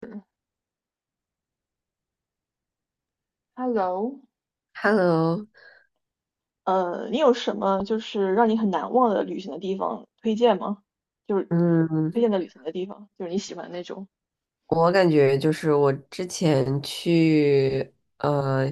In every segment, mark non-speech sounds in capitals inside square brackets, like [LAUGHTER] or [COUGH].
嗯，Hello，Hello，你有什么就是让你很难忘的旅行的地方推荐吗？就是推嗯，荐的旅行的地方，就是你喜欢的那种。我感觉就是我之前去，呃，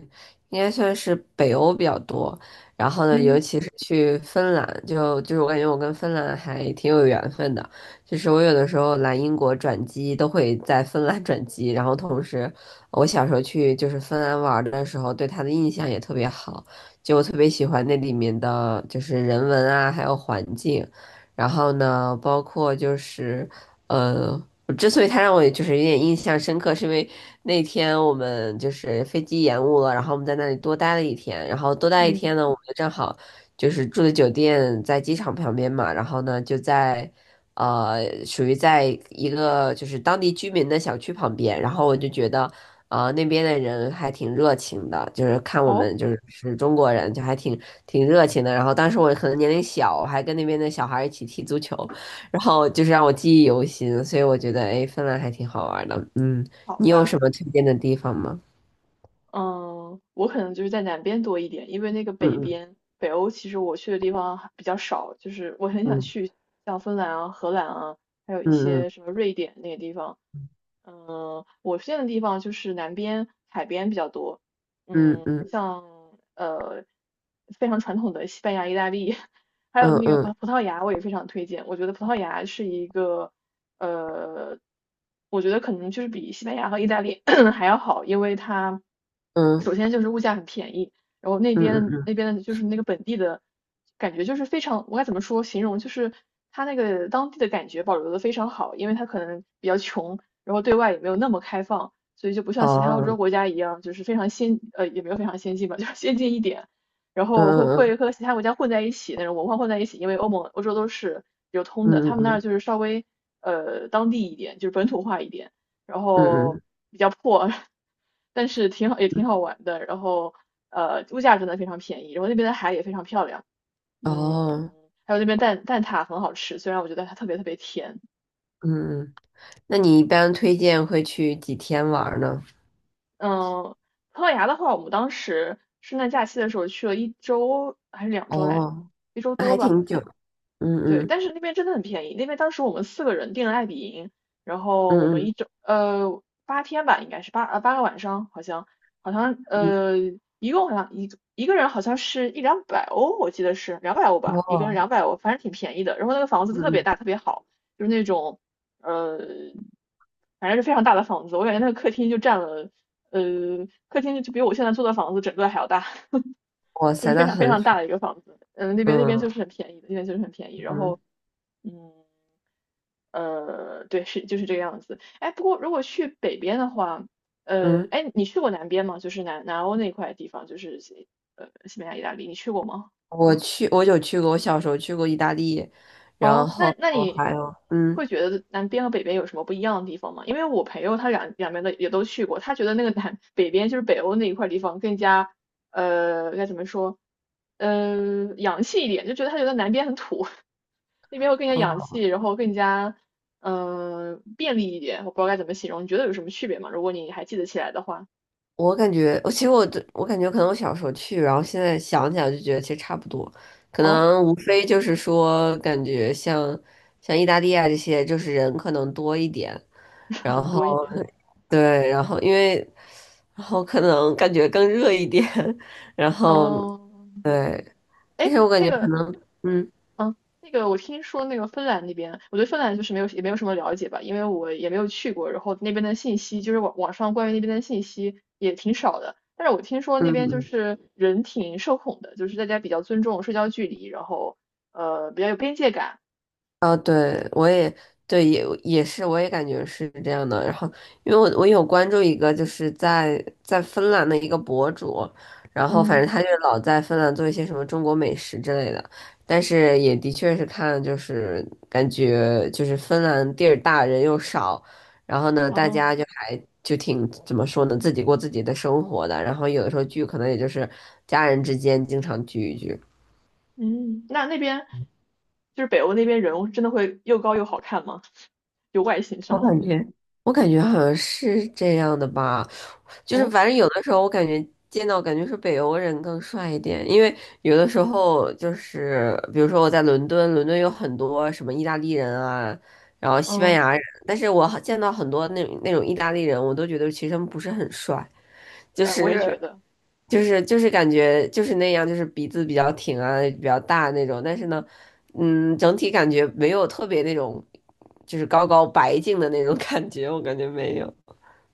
应该算是北欧比较多，然后呢，嗯尤其是去芬兰，就是我感觉我跟芬兰还挺有缘分的，就是我有的时候来英国转机都会在芬兰转机，然后同时我小时候去就是芬兰玩儿的时候，对它的印象也特别好，就我特别喜欢那里面的就是人文啊，还有环境。然后呢，包括就是，呃，之所以他让我就是有点印象深刻，是因为那天我们就是飞机延误了，然后我们在那里多待了一天，然后多待一嗯，天呢，我们就正好就是住的酒店在机场旁边嘛，然后呢就在属于在一个就是当地居民的小区旁边，然后我就觉得。啊那边的人还挺热情的，就是看我哦，们就是是中国人，就还挺热情的。然后当时我可能年龄小，我还跟那边的小孩儿一起踢足球，然后就是让我记忆犹新，所以我觉得，哎，芬兰还挺好玩的。嗯，好你有吧，什么推荐的地方吗？嗯，我可能就是在南边多一点，因为那个北嗯边，北欧其实我去的地方还比较少，就是我很想嗯去像芬兰啊、荷兰啊，还有一嗯嗯些什么瑞典那些地方，嗯，我现在的地方就是南边海边比较多，嗯，嗯像呃非常传统的西班牙、意大利，[LAUGHS] 还有嗯那个葡嗯葡萄牙，我也非常推荐。我觉得葡萄牙是一个呃，我觉得可能就是比西班牙和意大利 [CLEARS THROAT] 还要好，因为它嗯首先就是物价很便宜，然后那嗯嗯嗯边嗯那边的就是那个本地的感觉就是非常，我该怎么说形容就是。它那个当地的感觉保留的非常好，因为它可能比较穷，然后对外也没有那么开放，所以就不像其他欧洲哦，国家一样，就是非常先呃也没有非常先进吧，就是先进一点，然嗯后会嗯和其他国家混在一起那种文化混在一起，因为欧盟欧洲都是流通的，嗯他们那儿嗯就是稍微当地一点，就是本土化一点，然嗯后嗯比较破，[LAUGHS] 但是挺好也嗯挺好玩的，然后物价真的非常便宜，然后那边的海也非常漂亮，嗯，哦，还有那边蛋挞很好吃，虽然我觉得它特别特别甜。嗯嗯，那你一般推荐会去几天玩呢？嗯，葡萄牙的话，我们当时圣诞假期的时候去了一周还是两周来着，哦，一周那多还吧，好挺久。像。嗯对，嗯但是那边真的很便宜。那边当时我们4个人订了爱比营，然后我嗯们嗯8天吧，应该是8个晚上，好像好像嗯，呃一共好像一个人好像是1、200欧，我记得是两百欧吧，一个人哦，两百欧，反正挺便宜的。然后那个房子嗯特别嗯，大，特别好，就是那种呃反正是非常大的房子，我感觉那个客厅就占了呃客厅就比我现在租的房子整个还要大。哇就塞，是非那常非很常大爽。的一个房子。嗯，那边嗯就是很便宜的，那边就是很便宜。然嗯后，嗯，呃，对，是就是这个样子。哎，不过如果去北边的话，呃，嗯，哎，你去过南边吗？就是南欧那块地方，就是西班牙、意大利，你去过吗？我有去过，我小时候去过意大利，哦，那那哦，还你有，嗯，会觉得南边和北边有什么不一样的地方吗？因为我朋友他两边的也都去过，他觉得那个南北边就是北欧那一块地方更加该怎么说，嗯，洋气一点，就觉得他觉得南边很土，[LAUGHS] 那边会更加洋哦，气，然后更加便利一点，我不知道该怎么形容，你觉得有什么区别吗？如果你还记得起来的话，我感觉可能我小时候去，然后现在想起来就觉得其实差不多，可哦，能无非就是说，感觉像意大利啊这些，就是人可能多一点，[LAUGHS] 然人后多一点，对，然后然后可能感觉更热一点，[LAUGHS] 然后嗯。对，但哎，是我感那觉，个嗯嗯，那个我听说那个芬兰那边，我对芬兰就是没有也没有什么了解吧，因为我也没有去过，然后那边的信息就是网上关于那边的信息也挺少的。但是我听说那嗯。边就嗯是人挺社恐的，就是大家比较尊重社交距离，然后比较有边界感。啊，对，我也对，也是，我也感觉是这样的。然后，因为我有关注一个，就是在芬兰的一个博主，然后反嗯，正他就是老在芬兰做一些什么中国美食之类的，但是也的确是看，就是感觉就是芬兰地儿大人又少，然后呢，大哦，家就还就挺怎么说呢，自己过自己的生活的，然后有的时候聚可能也就是家人之间经常聚一聚。嗯，那那边就是北欧那边人真的会又高又好看吗？[LAUGHS] 就外形我上。感觉，我感觉好像是这样的吧，就是哦，反正有的时候我感觉见到感觉是北欧人更帅一点，因为有的时候就是比如说我在伦敦，伦敦有很多什么意大利人啊，然后西班嗯，牙人，但是我好见到很多那种意大利人，我都觉得其实他们不是很帅。就哎，我也是觉得。就是感觉就是那样，就是鼻子比较挺啊，比较大那种。但是呢，嗯，整体感觉没有特别那种，就是高高白净的那种 [LAUGHS] 感觉，我感觉没有。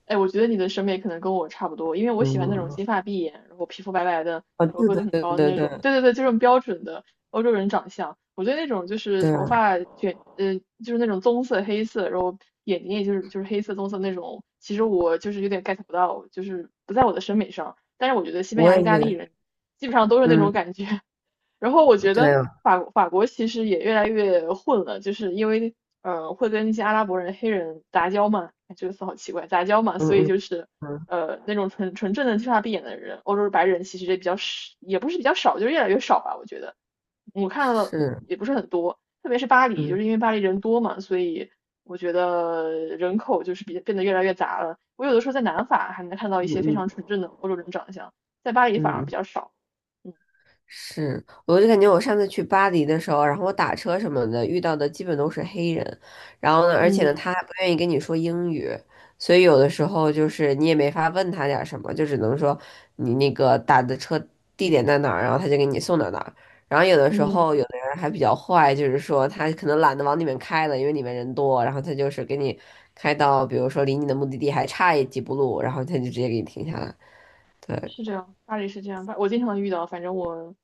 哎，我觉得你的审美可能跟我差不多，因为我喜欢那种嗯，金发碧眼，然后皮肤白白的，然啊，后对个对子很对高的对那种。对对对对，就是标准的欧洲人长相。我对那种就是对，头发卷，就是那种棕色、黑色，然后眼睛也就是黑色、棕色那种。其实我就是有点 get 不到，就是不在我的审美上。但是我觉得西班我牙、也意觉大利得是，人基本上都是那种嗯，感觉，然后我觉得对啊，法国其实也越来越混了，就是因为会跟一些阿拉伯人、黑人杂交嘛，哎这个词好奇怪，杂交嘛，嗯所以嗯就是嗯，那种纯正的金发碧眼的人，欧洲白人其实也比较少，也不是比较少，就是越来越少吧，我觉得我看到的是，也不是很多，特别是巴黎，就嗯是因为巴黎人多嘛，所以我觉得人口就是比变得越来越杂了。我有的时候在南法还能看到一嗯些非嗯常纯正的欧洲人长相，在巴黎反嗯而比嗯。较少。嗯是，我就感觉我上次去巴黎的时候，然后我打车什么的遇到的基本都是黑人，然后呢，而且呢，嗯。他还不愿意跟你说英语，所以有的时候就是你也没法问他点儿什么，就只能说你那个打的车地点在哪儿，然后他就给你送到哪儿。然后有的时候有嗯，的人还比较坏，就是说他可能懒得往里面开了，因为里面人多，然后他就是给你开到，比如说离你的目的地还差几步路，然后他就直接给你停下来。对，是这样，巴黎是这样，巴我经常能遇到，反正我，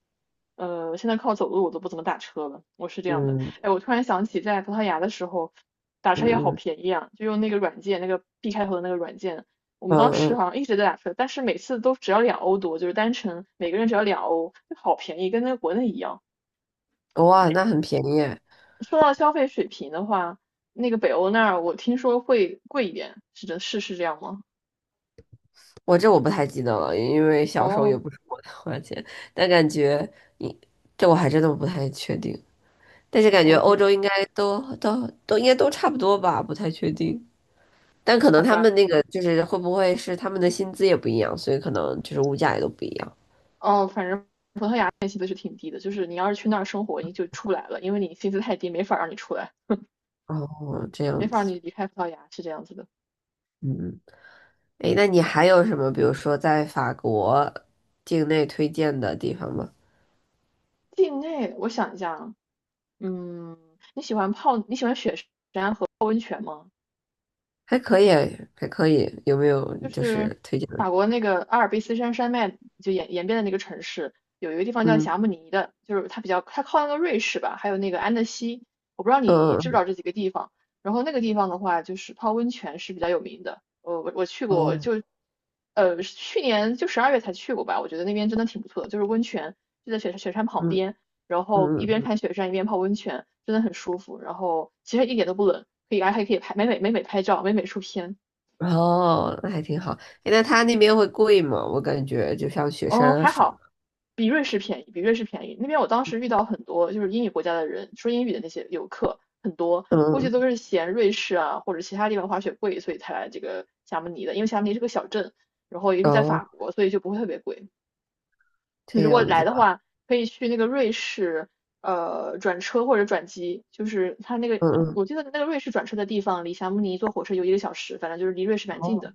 现在靠走路我都不怎么打车了，我是这样的。嗯哎，我突然想起在葡萄牙的时候，打车也好嗯便宜啊，就用那个软件，那个 B 开头的那个软件，我们嗯当嗯时嗯好像一直在打车，但是每次都只要2欧多，就是单程每个人只要两欧，就好便宜，跟那个国内一样。哇，那很便宜耶说到消费水平的话，那个北欧那儿我听说会贵一点，是的，是是这样吗？我不太记得了，因为小时候也哦不是我的花钱，但感觉你我还真的不太确定，但是感觉欧，OK,洲应该都应该都差不多吧，不太确定，但可能好他们吧。那个就是会不会是他们的薪资也不一样，所以可能就是物价也都不一样。哦，反正天薪资是挺低的，就是你要是去那儿生活，你就出不来了，因为你薪资太低，没法让你出来，哦，这没样法让子，你离开葡萄牙，是这样子的。嗯，诶，那你还有什么，比如说在法国境内推荐的地方吗？境内，我想一下啊，嗯，你喜欢泡，你喜欢雪山泡温泉吗？还可以，还可以，有没有就就是是推荐的？法国那个阿尔卑斯山山脉就沿边的那个城市，有一个地方叫嗯。霞嗯慕尼的，就是它比较它靠那个瑞士吧，还有那个安德西，我不知道你知不知嗯道这几个地方。然后那个地方的话，就是泡温泉是比较有名的。呃，我去过，哦，就去年就12月才去过吧，我觉得那边真的挺不错的，就是温泉就在雪山旁嗯边，然后一边嗯，看雪山一边泡温泉，真的很舒服。然后其实一点都不冷，可以还可以拍美美拍照，美美出片。嗯哦，那还挺好。诶那他那边会贵吗？我感觉就像雪嗯，山啊还什么，好，比瑞士便宜，比瑞士便宜。那边我当时遇到很多就是英语国家的人，说英语的那些游客很多，估计嗯，都是嫌瑞士啊或者其他地方滑雪贵，所以才来这个霞慕尼的。因为霞慕尼是个小镇，然后也是在哦，法国，所以就不会特别贵。你这如果样子来的吧话，可以去那个瑞士，转车或者转机，就是它那个，嗯嗯，我记得那个瑞士转车的地方离霞慕尼坐火车有1个小时，反正就是离瑞士蛮近哦，的，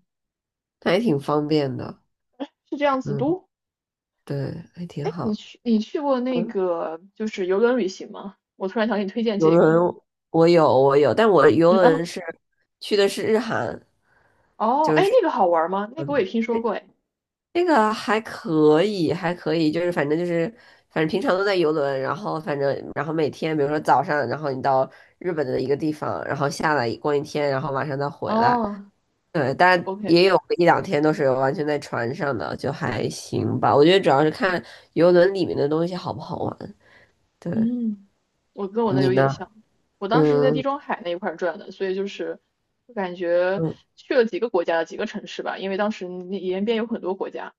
那还挺方便的，是这样子。嗯，都对，还挺哎，你好。去过那嗯，个就是游轮旅行吗？我突然想给你推荐游这个。轮我有我有，但我游嗯哦轮是去的是日韩，哦，就哎，是。那个好玩吗？那个我也听说过哎。那个还可以，还可以，就是反正就是，反正平常都在游轮，然后反正然后每天，比如说早上，然后你到日本的一个地方，然后下来逛一天，然后晚上再回来。哦对，但也，OK,有一两天都是完全在船上的，就还行吧。我觉得主要是看游轮里面的东西好不好玩。对，嗯，我跟我那你有点呢？像。我当时是在地嗯中海那一块儿转的，所以就是我感觉嗯去了几个国家，几个城市吧，因为当时那沿边有很多国家，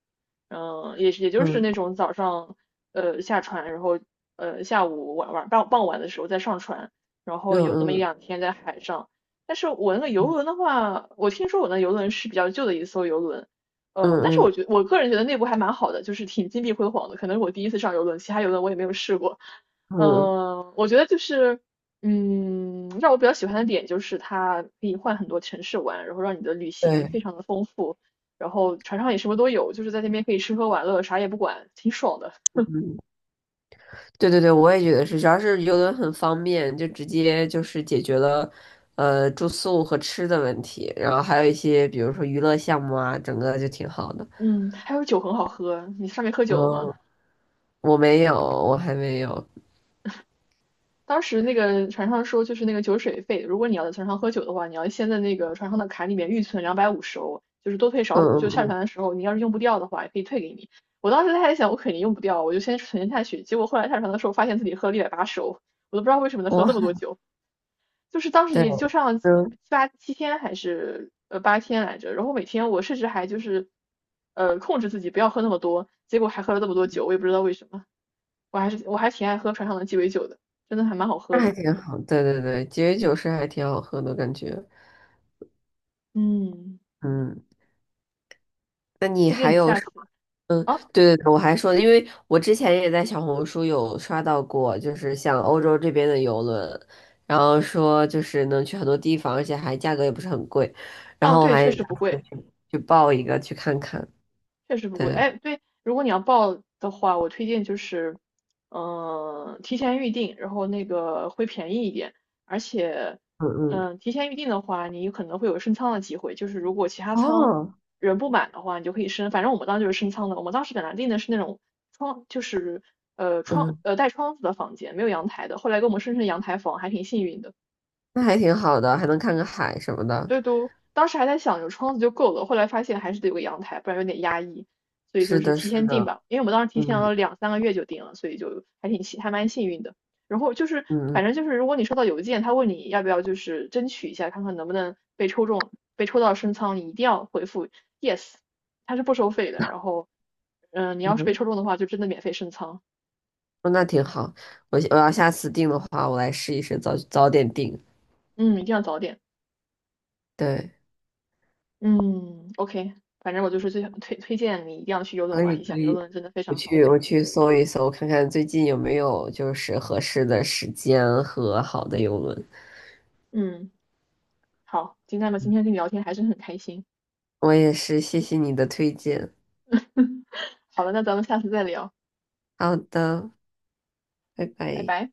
也就是那嗯种早上下船，然后下午晚晚傍傍晚的时候再上船，然后有那么一嗯两天在海上。但是我那个游轮的话，我听说我那游轮是比较旧的一艘游轮，嗯但是我嗯觉我个人觉得内部还蛮好的，就是挺金碧辉煌的。可能是我第一次上游轮，其他游轮我也没有试过。嗯嗯，我觉得就是，让我比较喜欢的点就是它可以换很多城市玩，然后让你的旅行对。非常的丰富。然后船上也什么都有，就是在那边可以吃喝玩乐，啥也不管，挺爽的。对对对，我也觉得是，主要是游轮很方便，就直接就是解决了，住宿和吃的问题，然后还有一些比如说娱乐项目啊，整个就挺好的。嗯，还有酒很好喝，你上面喝然酒了吗？后我还没有，当时那个船上说，就是那个酒水费，如果你要在船上喝酒的话，你要先在那个船上的卡里面预存250欧，就是多退少嗯补，就嗯下嗯，船的时候你要是用不掉的话，也可以退给你。我当时还想，我肯定用不掉，我就先存下去。结果后来下船的时候，发现自己喝了180欧，我都不知道为什么能喝我这还么多酒。就是当时对，也就上了七嗯，八七天还是八天来着，然后每天我甚至还就是控制自己不要喝那么多，结果还喝了那么多酒，我也不知道为什么，我还挺爱喝船上的鸡尾酒的，真的还蛮好那喝还的，挺好，对对对，节约酒是还挺好喝的感觉，嗯，嗯。那你推荐还你有下什么？次嗯，啊。对对对，我还说，因为我之前也在小红书有刷到过，就是像欧洲这边的游轮，然后说就是能去很多地方，而且还价格也不是很贵，然哦后我对，确还实打不算贵。去报一个去看看。确实不对，贵。哎，对，如果你要报的话，我推荐就是，提前预定，然后那个会便宜一点，而且，嗯嗯，提前预定的话，你可能会有升仓的机会，就是如果其他仓哦，人不满的话，你就可以升。反正我们当时就是升仓的，我们当时本来订的是那种窗，就是呃窗嗯，呃带窗子的房间，没有阳台的，后来给我们升成阳台房，还挺幸运的。那还挺好的，还能看个海什么的。对，当时还在想有窗子就够了，后来发现还是得有个阳台，不然有点压抑，所以就是是的，提是前订的，吧，因为我们当时提前嗯了两三个月就订了，所以就还蛮幸运的。然后就是，嗯反正就是，如果你收到邮件，他问你要不要就是争取一下，看看能不能被抽中，被抽到升仓，你一定要回复 yes,他是不收费的。然后，你要是被嗯，抽中的话，就真的免费升仓。嗯，那挺好。我要下次订的话，我来试一试，早早点订。嗯，一定要早点。对。嗯，OK,反正我就是最推荐你一定要去游轮可以玩一下，可游以，轮真的非我常好去玩。我去搜一搜，看看最近有没有就是合适的时间和好的游轮。嗯。好，金娜们今天跟你聊天还是很开心。我也是，谢谢你的推荐。好了，那咱们下次再聊，好的，拜拜拜。拜。